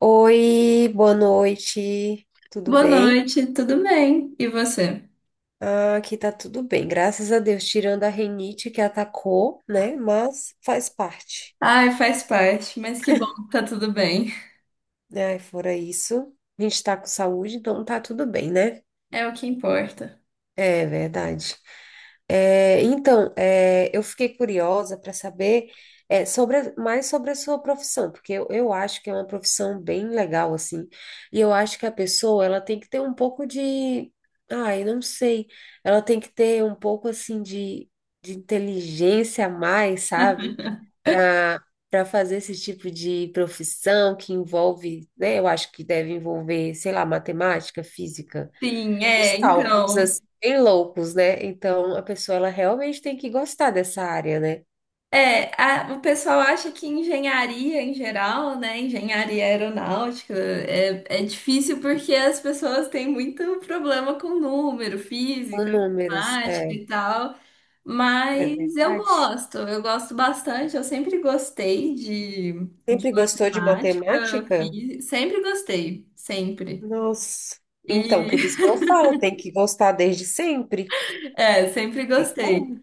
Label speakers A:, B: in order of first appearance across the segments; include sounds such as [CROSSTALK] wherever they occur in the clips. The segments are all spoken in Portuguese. A: Oi, boa noite, tudo
B: Boa
A: bem?
B: noite, tudo bem? E você?
A: Ah, aqui tá tudo bem, graças a Deus, tirando a rinite que atacou, né? Mas faz parte,
B: Ai, faz parte, mas que bom que tá tudo bem.
A: né? Fora isso, a gente tá com saúde, então tá tudo bem, né?
B: É o que importa.
A: É verdade. É, então, eu fiquei curiosa para saber mais sobre a sua profissão, porque eu acho que é uma profissão bem legal, assim, e eu acho que a pessoa, ela tem que ter um pouco de, ai, não sei, ela tem que ter um pouco, assim, de, inteligência a mais, sabe?
B: [LAUGHS]
A: Para para fazer esse tipo de profissão que envolve, né, eu acho que deve envolver, sei lá, matemática, física,
B: Sim,
A: os
B: é,
A: cálculos,
B: então.
A: assim, bem loucos, né? Então, a pessoa, ela realmente tem que gostar dessa área, né?
B: É, o pessoal acha que engenharia em geral, né? Engenharia aeronáutica é difícil porque as pessoas têm muito problema com número,
A: Com
B: física,
A: números,
B: matemática
A: é,
B: e tal.
A: é
B: Mas
A: verdade.
B: eu gosto bastante, eu sempre gostei de
A: Sempre gostou de
B: matemática,
A: matemática?
B: fiz, sempre gostei, sempre.
A: Nossa. Então,
B: E
A: por isso que eu falo, tem que gostar desde sempre.
B: [LAUGHS] é, sempre
A: Tem
B: gostei.
A: como?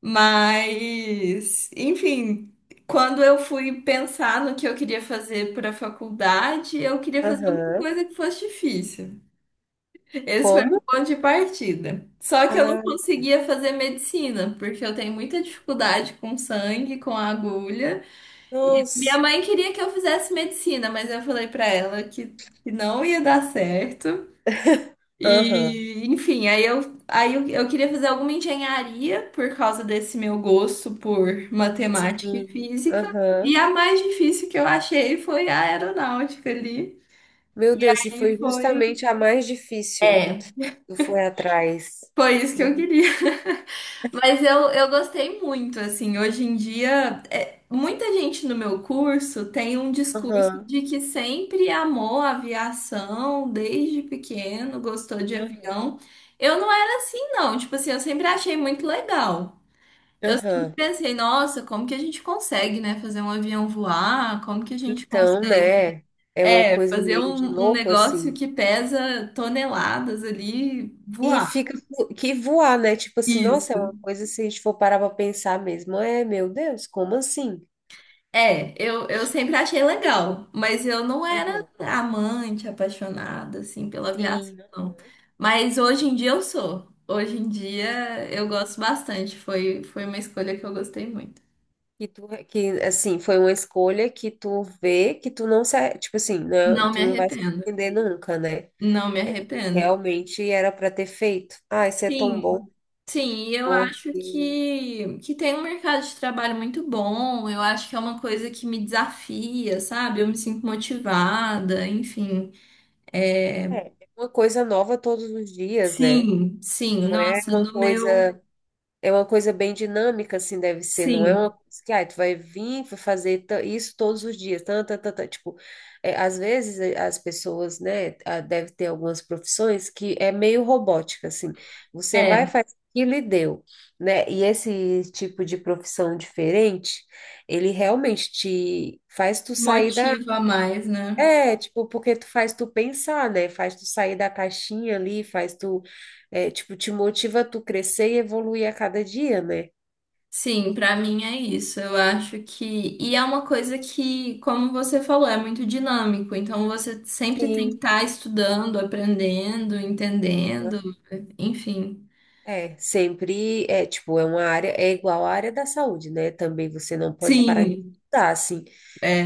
B: Mas, enfim, quando eu fui pensar no que eu queria fazer para a faculdade, eu queria fazer alguma
A: Aham.
B: coisa que fosse difícil. Esse foi meu
A: Como?
B: ponto de partida. Só que eu não
A: Ah,
B: conseguia fazer medicina, porque eu tenho muita dificuldade com sangue, com agulha. E minha
A: nossa.
B: mãe queria que eu fizesse medicina, mas eu falei pra ela que não ia dar certo.
A: Aham.
B: E, enfim, aí eu queria fazer alguma engenharia por causa desse meu gosto por matemática e
A: Sim.
B: física. E
A: Aham.
B: a mais difícil que eu achei foi a aeronáutica ali.
A: Meu Deus, se
B: E
A: foi
B: foi,
A: justamente a mais difícil,
B: é,
A: tu foi atrás.
B: foi isso que eu queria. [LAUGHS] Mas eu gostei muito, assim. Hoje em dia, é, muita gente no meu curso tem um discurso
A: Aham.
B: de que sempre amou a aviação, desde pequeno, gostou de
A: Aham.
B: avião. Eu não era assim, não, tipo assim, eu sempre achei muito legal. Eu sempre
A: Aham.
B: pensei, nossa, como que a gente consegue, né, fazer um avião voar? Como que a gente
A: Então,
B: consegue,
A: né? É uma
B: é,
A: coisa
B: fazer
A: meio de
B: um
A: louco,
B: negócio
A: assim.
B: que pesa toneladas ali
A: E
B: voar?
A: fica que voar, né? Tipo assim, nossa, é
B: Isso.
A: uma coisa se a gente for parar pra pensar mesmo. É, meu Deus, como assim?
B: É, eu sempre achei legal, mas eu não era
A: Aham.
B: amante, apaixonada, assim, pela aviação,
A: Sim,
B: não. Mas hoje em dia eu sou. Hoje em dia eu gosto bastante. Foi uma escolha que eu gostei muito.
A: que tu, que assim, foi uma escolha que tu vê que tu não se, tipo assim, né?
B: Não
A: Tu
B: me
A: não vai se
B: arrependo.
A: arrepender nunca, né?
B: Não me arrependo.
A: Realmente era pra ter feito. Ah, isso é
B: Sim,
A: tão bom,
B: sim, e eu acho
A: porque
B: que tem um mercado de trabalho muito bom. Eu acho que é uma coisa que me desafia, sabe? Eu me sinto motivada, enfim. É,
A: é uma coisa nova todos os dias, né?
B: sim, sim,
A: Não é
B: nossa,
A: uma
B: no meu.
A: coisa. É uma coisa bem dinâmica, assim, deve ser. Não é uma
B: Sim,
A: coisa que, ah, tu vai vir vai fazer isso todos os dias. Tan, tan, tan, tan. Tipo, é, às vezes as pessoas, né, ah, deve ter algumas profissões que é meio robótica, assim. Você vai,
B: é,
A: faz aquilo e deu, né? E esse tipo de profissão diferente, ele realmente te faz tu sair da...
B: motiva mais, né?
A: É, tipo, porque tu faz tu pensar, né? Faz tu sair da caixinha ali, faz tu... É, tipo, te motiva a tu crescer e evoluir a cada dia, né?
B: Sim, pra mim é isso. Eu acho que. E é uma coisa que, como você falou, é muito dinâmico. Então você sempre tem que
A: Sim,
B: estar estudando, aprendendo, entendendo, enfim.
A: é, sempre é, tipo, é uma área, é igual à área da saúde, né? Também você não pode parar de
B: Sim,
A: estudar, assim,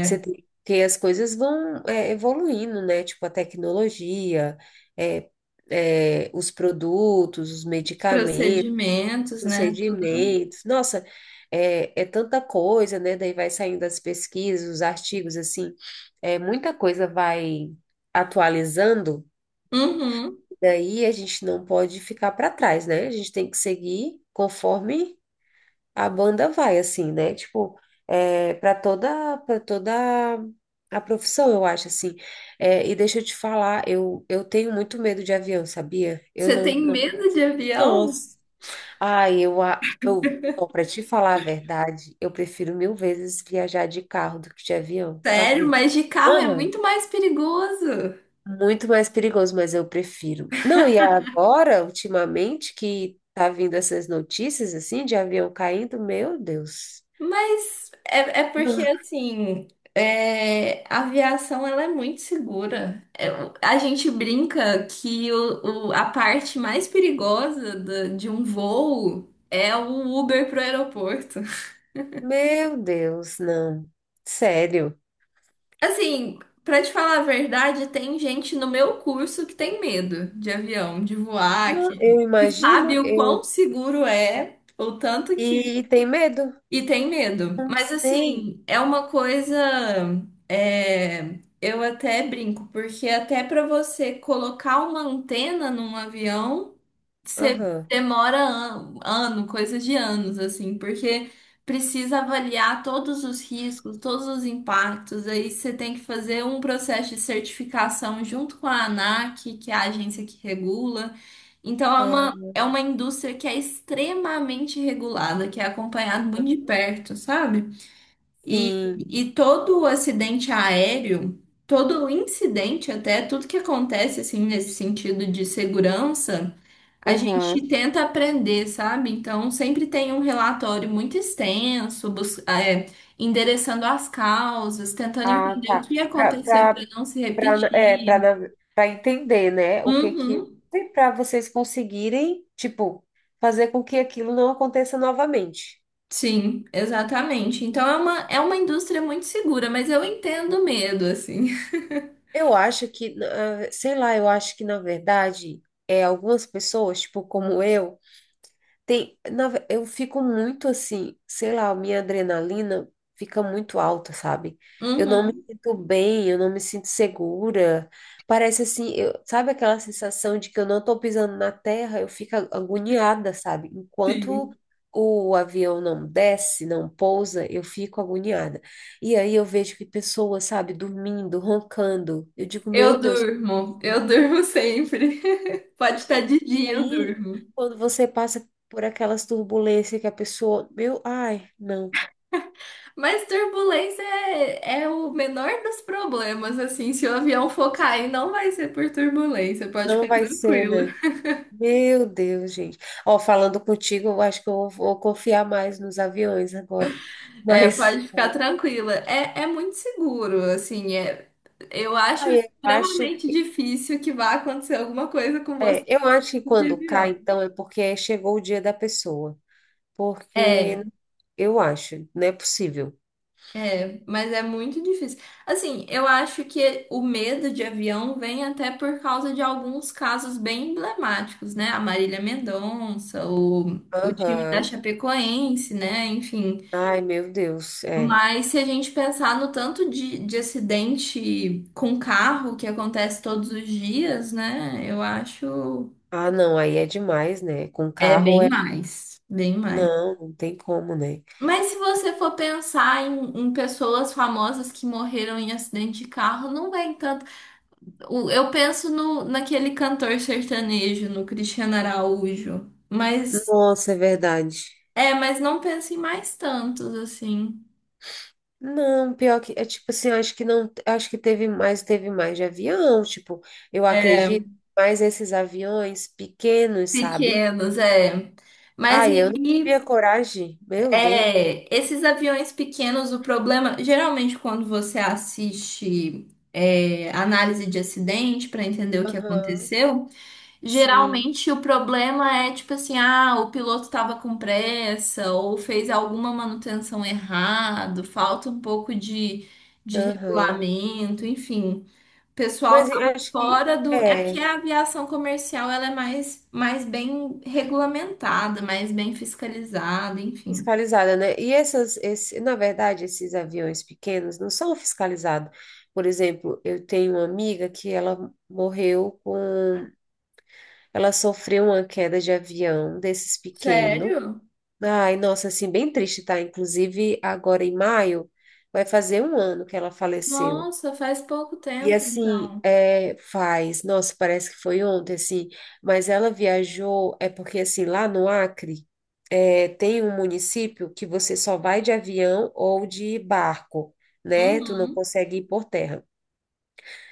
A: você tem, porque as coisas vão evoluindo, né? Tipo, a tecnologia, é, é, os produtos, os
B: Os
A: medicamentos,
B: procedimentos, né? Tudo.
A: procedimentos, nossa, é, é tanta coisa, né? Daí vai saindo as pesquisas, os artigos, assim, é, muita coisa vai atualizando.
B: Uhum.
A: Daí a gente não pode ficar para trás, né? A gente tem que seguir conforme a banda vai, assim, né? Tipo, é, para toda a profissão, eu acho, assim. É, e deixa eu te falar, eu, tenho muito medo de avião, sabia? Eu
B: Você
A: não,
B: tem
A: não.
B: medo de avião?
A: Nossa. Ai, eu, para te falar a verdade, eu prefiro mil vezes viajar de carro do que de avião. Tu
B: Sério,
A: acredita?
B: mas de carro é muito mais perigoso.
A: Muito mais perigoso, mas eu prefiro. Não, e agora, ultimamente, que tá vindo essas notícias assim de avião caindo, meu Deus.
B: Mas é, é porque,
A: Não,
B: assim, é, a aviação ela é muito segura. É, a gente brinca que a parte mais perigosa de um voo é o Uber pro aeroporto. [LAUGHS]
A: meu Deus, não. Sério.
B: Assim, pra te falar a verdade, tem gente no meu curso que tem medo de avião, de voar,
A: Não, eu
B: que sabe
A: imagino,
B: o quão
A: eu...
B: seguro é, o tanto que
A: E, e tem medo?
B: e tem medo.
A: Não
B: Mas
A: sei.
B: assim, é uma coisa. É, eu até brinco, porque até para você colocar uma antena num avião, você
A: Aham.
B: demora an ano, coisa de anos, assim, porque precisa avaliar todos os riscos, todos os impactos. Aí você tem que fazer um processo de certificação junto com a ANAC, que é a agência que regula.
A: Ah,
B: Então é uma indústria que é extremamente regulada, que é acompanhada muito de perto, sabe?
A: sim.
B: E todo o acidente aéreo, todo o incidente, até tudo que acontece assim nesse sentido de segurança, a gente
A: Uhum.
B: tenta aprender, sabe? Então sempre tem um relatório muito extenso, endereçando as causas, tentando
A: Ah,
B: entender o
A: tá.
B: que
A: Para
B: aconteceu para
A: para
B: não se
A: é,
B: repetir.
A: para para entender, né, o que que
B: Uhum.
A: para vocês conseguirem, tipo, fazer com que aquilo não aconteça novamente.
B: Sim, exatamente. Então é é uma indústria muito segura, mas eu entendo o medo, assim. [LAUGHS]
A: Eu acho que, ah, sei lá, eu acho que na verdade, é algumas pessoas, tipo, como eu. Tem, eu fico muito assim, sei lá, minha adrenalina fica muito alta, sabe? Eu não me
B: Uhum,
A: sinto bem, eu não me sinto segura. Parece assim, eu, sabe aquela sensação de que eu não tô pisando na terra? Eu fico agoniada, sabe? Enquanto
B: sim.
A: o avião não desce, não pousa, eu fico agoniada. E aí eu vejo que pessoas, sabe, dormindo, roncando. Eu digo, meu Deus.
B: Eu durmo sempre. [LAUGHS] Pode estar de
A: E
B: dia, eu
A: aí,
B: durmo.
A: quando você passa por aquelas turbulências que a pessoa, meu, ai, não,
B: Mas turbulência é o menor dos problemas, assim. Se o avião for cair, não vai ser por turbulência, pode
A: não
B: ficar
A: vai ser,
B: tranquila.
A: né? Meu Deus, gente. Ó, falando contigo, eu acho que eu vou, vou confiar mais nos aviões agora.
B: É,
A: Mas
B: pode ficar
A: [LAUGHS]
B: tranquila. É, é muito seguro, assim. É, eu acho
A: aí eu acho,
B: extremamente difícil que vá acontecer alguma coisa com você
A: é, eu acho que
B: de
A: quando cai,
B: avião.
A: então, é porque chegou o dia da pessoa. Porque
B: É,
A: eu acho, não é possível.
B: mas é muito difícil. Assim, eu acho que o medo de avião vem até por causa de alguns casos bem emblemáticos, né? A Marília Mendonça, o time da
A: Aham.
B: Chapecoense, né? Enfim.
A: Ai, meu Deus, é.
B: Mas se a gente pensar no tanto de acidente com carro que acontece todos os dias, né? Eu acho
A: Ah, não, aí é demais, né? Com
B: é
A: carro
B: bem
A: é.
B: mais, bem mais.
A: Não, não tem como, né?
B: Mas se você for pensar em pessoas famosas que morreram em acidente de carro, não vem eu penso no, naquele cantor sertanejo, no Cristiano Araújo, mas
A: Nossa, é verdade.
B: é, mas não penso em mais tantos assim.
A: Não, pior que é tipo assim, eu acho que não, acho que teve mais de avião, tipo, eu acredito, mais esses aviões pequenos, sabe?
B: Pequenos, é. Mas
A: Ai, eu
B: aí,
A: não teria coragem, meu Deus.
B: é, esses aviões pequenos, o problema, geralmente quando você assiste é, análise de acidente para entender o que
A: Aham,
B: aconteceu,
A: sim,
B: geralmente o problema é tipo assim, ah, o piloto estava com pressa ou fez alguma manutenção errado, falta um pouco de
A: aham.
B: regulamento, enfim. O pessoal
A: Mas eu
B: estava
A: acho que
B: fora do. É que
A: é
B: a aviação comercial ela é mais, mais bem regulamentada, mais bem fiscalizada, enfim.
A: fiscalizada, né? E essas, na verdade, esses aviões pequenos não são fiscalizados. Por exemplo, eu tenho uma amiga que ela morreu com. Ela sofreu uma queda de avião desses pequeno.
B: Sério?
A: Ai, nossa, assim, bem triste, tá? Inclusive, agora em maio, vai fazer um ano que ela faleceu.
B: Nossa, faz pouco
A: E
B: tempo
A: assim,
B: então.
A: é, faz, nossa, parece que foi ontem, assim, mas ela viajou, é porque assim, lá no Acre, é, tem um município que você só vai de avião ou de barco, né? Tu não
B: Uhum.
A: consegue ir por terra.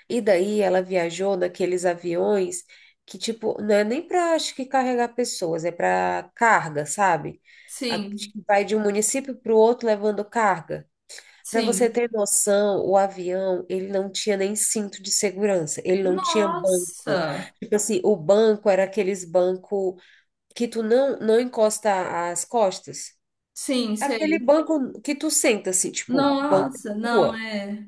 A: E daí ela viajou naqueles aviões que, tipo, não é nem para, acho que, carregar pessoas, é para carga, sabe? Que
B: Sim,
A: vai de um município para o outro levando carga. Para você
B: sim.
A: ter noção, o avião, ele não tinha nem cinto de segurança, ele não tinha banco.
B: Nossa!
A: Tipo assim, o banco era aqueles banco que tu não, não encosta as costas.
B: Sim,
A: Aquele
B: sei.
A: banco que tu senta, assim, tipo, banco de
B: Nossa, não,
A: rua.
B: é.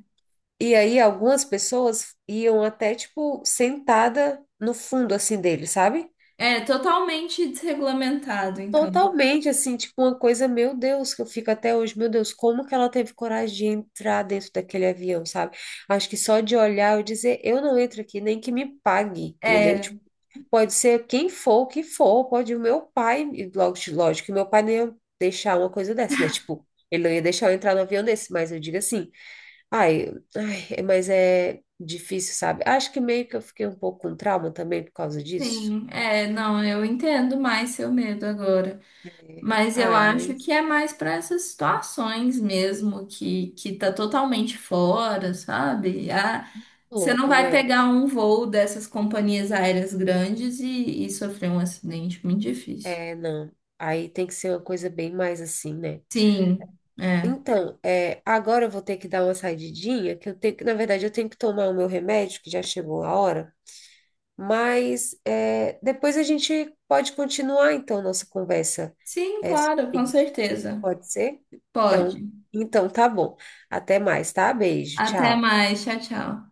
A: E aí algumas pessoas iam até, tipo, sentada no fundo, assim, dele, sabe?
B: É totalmente desregulamentado, então.
A: Totalmente, assim, tipo, uma coisa, meu Deus, que eu fico até hoje, meu Deus, como que ela teve coragem de entrar dentro daquele avião, sabe? Acho que só de olhar eu dizer, eu não entro aqui, nem que me pague, entendeu?
B: É,
A: Tipo, pode ser quem for, o que for, pode o meu pai, e lógico, que meu pai nem ia deixar uma coisa dessa, né? Tipo, ele não ia deixar eu entrar no avião desse, mas eu digo assim, ai, ai, mas é difícil, sabe? Acho que meio que eu fiquei um pouco com trauma também por causa disso.
B: sim, é, não, eu entendo mais seu medo agora.
A: É.
B: Mas eu
A: Ai,
B: acho que é
A: mas
B: mais para essas situações mesmo que tá totalmente fora, sabe? Ah,
A: é
B: você não
A: louco,
B: vai
A: né?
B: pegar um voo dessas companhias aéreas grandes e sofrer um acidente muito difícil.
A: É, não. Aí tem que ser uma coisa bem mais assim, né?
B: Sim, é.
A: Então, é, agora eu vou ter que dar uma saidinha, que eu tenho que, na verdade, eu tenho que tomar o meu remédio, que já chegou a hora. Mas é, depois a gente pode continuar, então, nossa conversa
B: Sim,
A: é, sobre
B: claro, com
A: isso.
B: certeza.
A: Pode ser? Então,
B: Pode.
A: então, tá bom. Até mais, tá? Beijo,
B: Até
A: tchau.
B: mais, tchau, tchau.